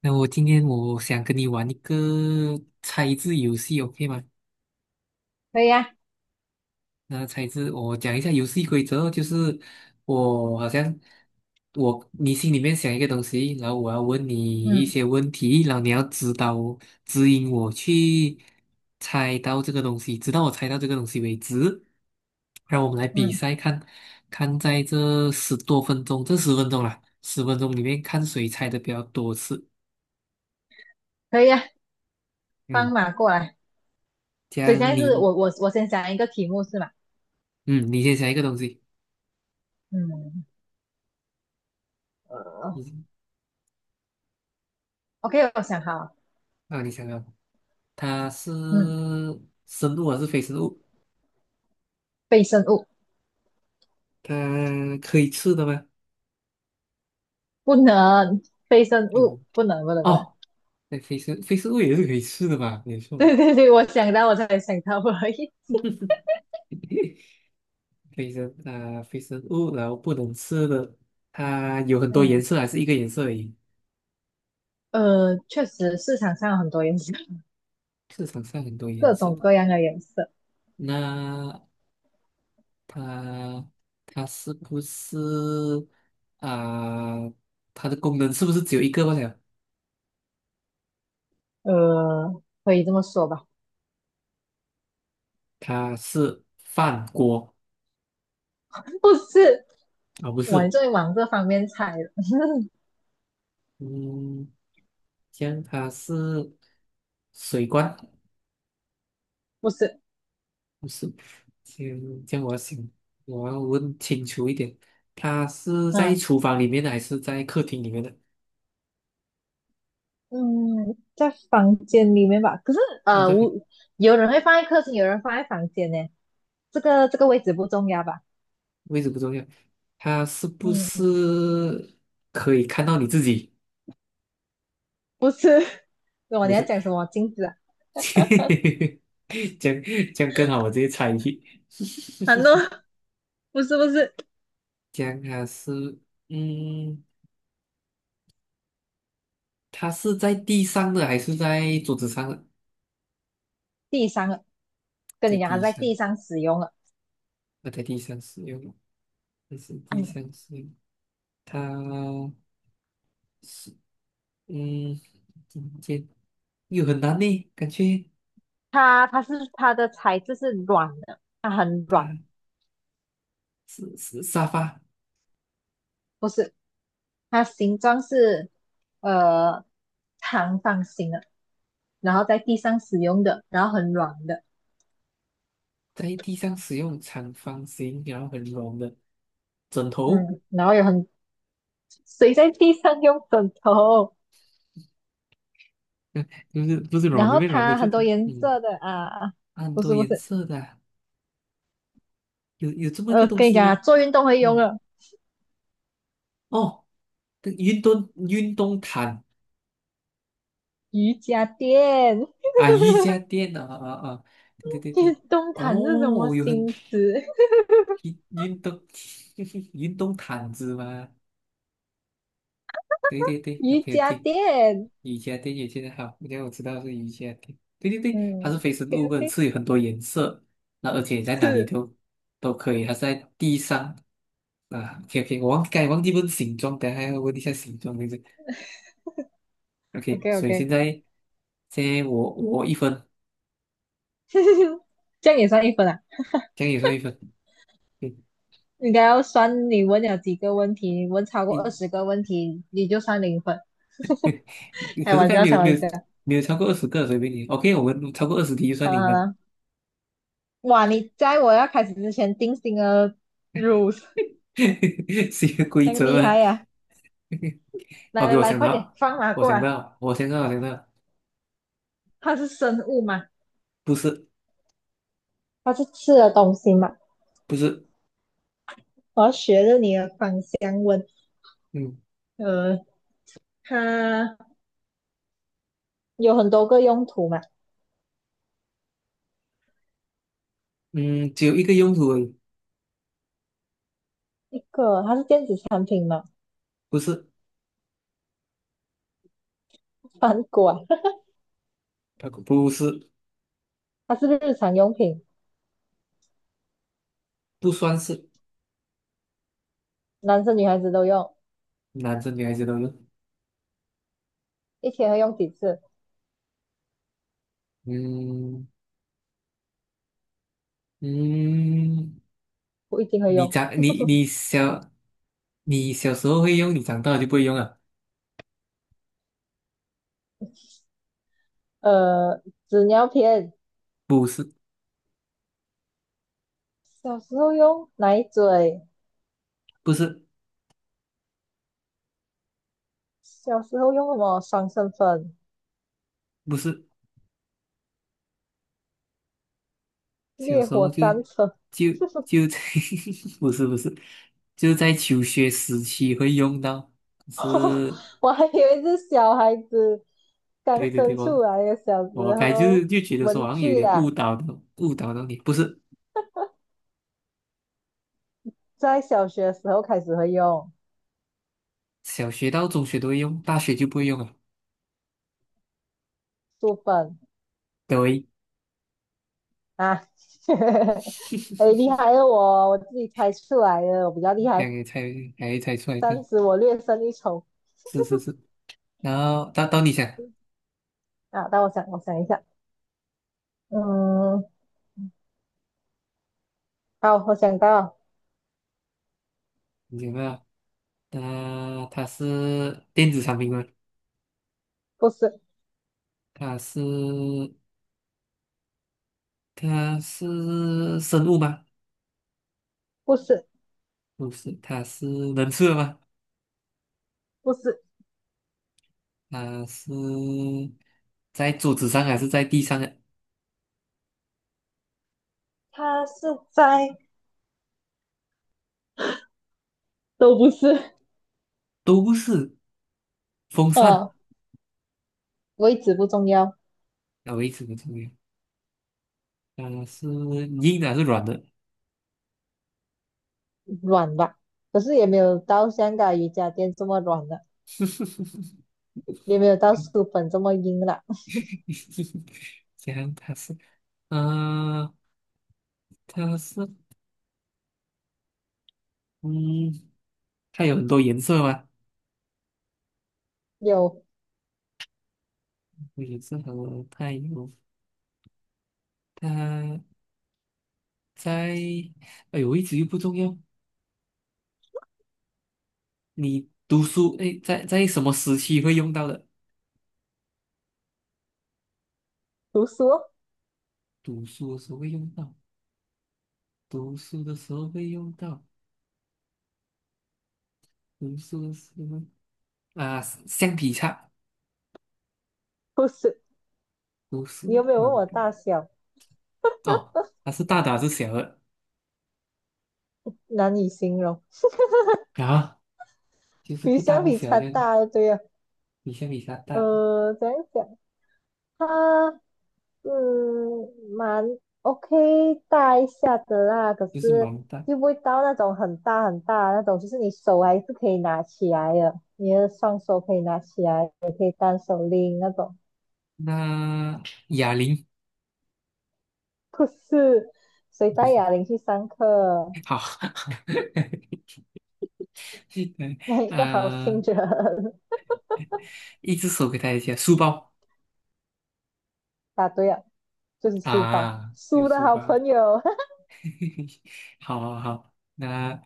那我今天想跟你玩一个猜字游戏，OK 吗？可以呀、那猜字，我讲一下游戏规则哦，就是我好像我你心里面想一个东西，然后我要问你一嗯些问题，然后你要指引我去猜到这个东西，直到我猜到这个东西为止。让我们来比嗯，赛看，看在这10多分钟，这十分钟啦，十分钟里面看谁猜的比较多次。可以呀、放嗯，马过来。这所以样现在是你我先想一个题目是吗？嗯，你先想一个东西，嗯呃你，OK，我想好了。啊，你想啊，它是嗯，生物还是非生物？非生物它可以吃的吗？不能，非生哦，物不。不能，哦，那非生物也是可以吃的吧？没 错。对对对，我想到我才想到而已。非生物，然后不能吃的。它有很多颜嗯色，还是一个颜色而已？确实市场上有很多颜色，市场上很多颜各色。种各样的颜色。那它它是不是啊、它的功能是不是只有一个罢了？可以这么说吧？它是饭锅？ 不是，啊、不我是。终于往这方面猜了。嗯，这样它是水罐？不是。不是？这样我要想，我要问清楚一点，它是在嗯。厨房里面的还是在客厅里面的？嗯，在房间里面吧。可是哦，呃，我有人会放在客厅，有人放在房间呢。这个位置不重要吧？位置不重要。它是不嗯，是可以看到你自己？不是。我不你要是。讲什么镜子啊？这样这样更好，我直接猜疑。难道不是这样它是，嗯，在地上的还是在桌子上的？地上了？跟在你讲，它地在上。地上使用了。我在地上使用，这是地哎，上使用。它是，嗯，今天又很难呢，感觉它的材质是软的，它很它软。是是沙发？不是，它形状是呃长方形的，然后在地上使用的，然后很软的。在地上使用，长方形，然后很软的，枕头？嗯，然后谁在地上用枕头？嗯，不是，不是软然的，后被软的它就很多是颜色的啊，它很不多是不颜是，色的啊？有这么一个东跟你西讲啊，吗？做运动会用嗯，了哦，这运动毯？瑜伽垫。啊，瑜伽垫啊啊啊，对对 运对。动毯是什么哦，有很新词？运运动 运动毯子吗？对对对瑜，OK 伽 OK。垫。瑜伽垫也现在好，因为我知道是瑜伽垫。对对对，嗯它是非生，OK 物本 OK。是有很多颜色，那而且在哪里是 都可以，它是在地上啊。OK OK，我刚才忘记问形状，等一下要问一下形状对不对？OK，OK 所以 OK。现在我一分。这样也算一分啊。这样也算一分。对。应该要算你问了几个问题，你问超过二一十个问题，你就算零分。开可是刚玩才笑，没开有没玩有笑。没有超过20个，随便你。OK，我们超过20题就算好了你好们。了。哇，你在我要开始之前定性了 rules。是一个规真则厉害吗？呀、来 OK，来我来，想快点到，放马我过想来。到，我想到，我想到。它是生物嘛？不是。它是吃的东西嘛？不是。我要学着你的芳香温。嗯呃，它有很多个用途嘛？嗯，只有一个用途而已。一个它是电子产品嘛？不是。反过来它不是。它是日常用品，不算是。男生女孩子都用，男生女孩子都有。一天会用几次？嗯嗯，我一定会你用。长你你小你小时候会用，你长大了就不会用了。呃，纸尿片。不是。小时候用奶嘴。不是。小时候用什么爽身粉、不是。小烈时火候就战车。就就在 不是不是，就在求学时期会用到。是， 我还以为是小孩子刚对对对，生我出来的小我时该就候是就觉得说好文像有具点误啊，导的，误导到你，不是。在小学时候开始会用小学到中学都会用，大学就不会用了。书本对。啊。哎，厉害了我，我自己猜出来的，我比较厉这害，样也猜，还猜出来暂看。时我略胜一筹。 是是 是，然后到你想。啊。但我想一下。嗯，好，我想到了。你想到？它是电子产品吗？不是。它是它是生物吗？不是。不是。能吃的吗？不是。它是在桌子上还是在地上的？他是在，都不是。都不是。风呃，扇？位置不重要。啊，我一直不重要。它是硬的还是软的？软吧，可是也没有到香港瑜伽垫这么软了，也没有到书本这么硬了。讲它是，呃，它是，嗯，它有很多颜色吗？有。有颜色。和它有它在，哎呦，位置又不重要。你读书，哎，在什么时期会用到的？读书哦？读书的时候会用到，读书的时候会用到，读书的时候啊，橡皮擦？不是？读你书，有没有问嗯，我大小？哦，它是大的还是小的？难以形容。啊？就是比不大相不比小，它这样大了对呀、比他大。怎样讲？它嗯蛮 OK 大一下的啦，可就是是蛮大。又不会到那种很大很大的那种，就是你手还是可以拿起来的，你的双手可以拿起来，也可以单手拎那种。那哑铃？不是，谁不带是。哑铃去上课？好。嗯哪一个好心呃，人？一只手给他一下，书包？答对了，就是书包，啊，就书的书好包。朋友。好好好，那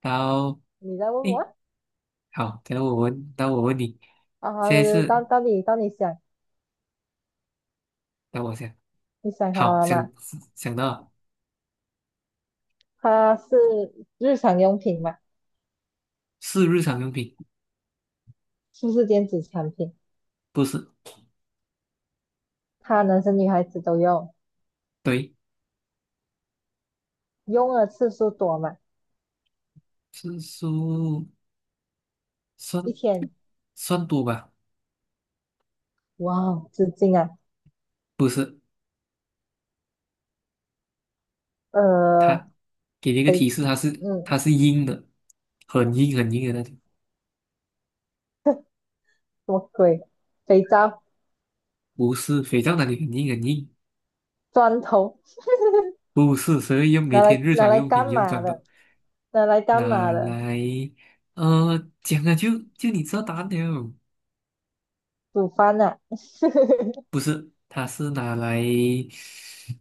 然后你在问我诶，啊？好，等下我问，等下我问你。啊，现对在对，是到你想。等我想。你想好好，了想，吗？想到了。它是日常用品嘛？是日常用品。是不是电子产品？不是。它男生女孩子都用，对。用的次数多嘛？是书。算一天，算多吧。哇哦，纸巾啊？不是。呃，它给你一个肥，提示，它是它嗯，是硬的，很硬很硬的那种。什么鬼？肥皂、不是，肥皂那里很硬很硬？砖头。不是，所以用每拿天来日拿常来用品干用到嘛的？的。拿来干拿嘛的？来，呃，讲了就就你知道答案了。煮饭呐、啊。它是拿来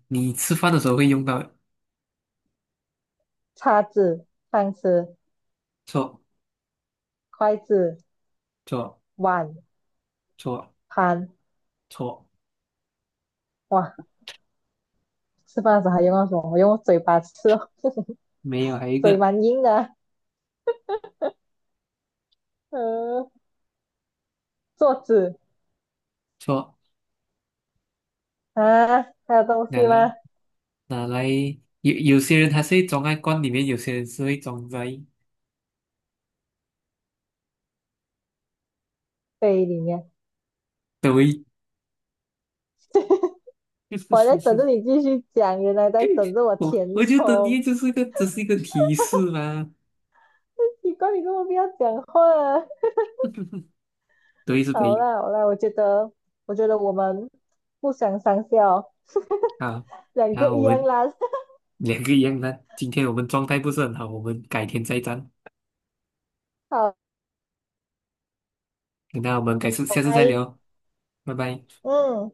你吃饭的时候会用到的。叉子、汤匙、错。筷子、错。碗、错。盘。错。哇，吃饭的时候还用到什么？我用嘴巴吃哦没有，还有一嘴个。蛮硬的啊。嗯，桌子错。啊？还有东拿西来吗？拿来有些人他是会装在罐里面，有些人是会装在。杯里面。对。我在等着 你继续讲，原来在等着我我填我觉得充。你就是一个，只是一个提示嘛。奇怪，你怎么不要讲话啊。对，是好北啦好啦，我觉得我们互相上下哦。啊。两然个后一我样们啦。两个一样的，今天我们状态不是很好，我们改天再战。好，那我们下次再拜，聊，拜拜。嗯。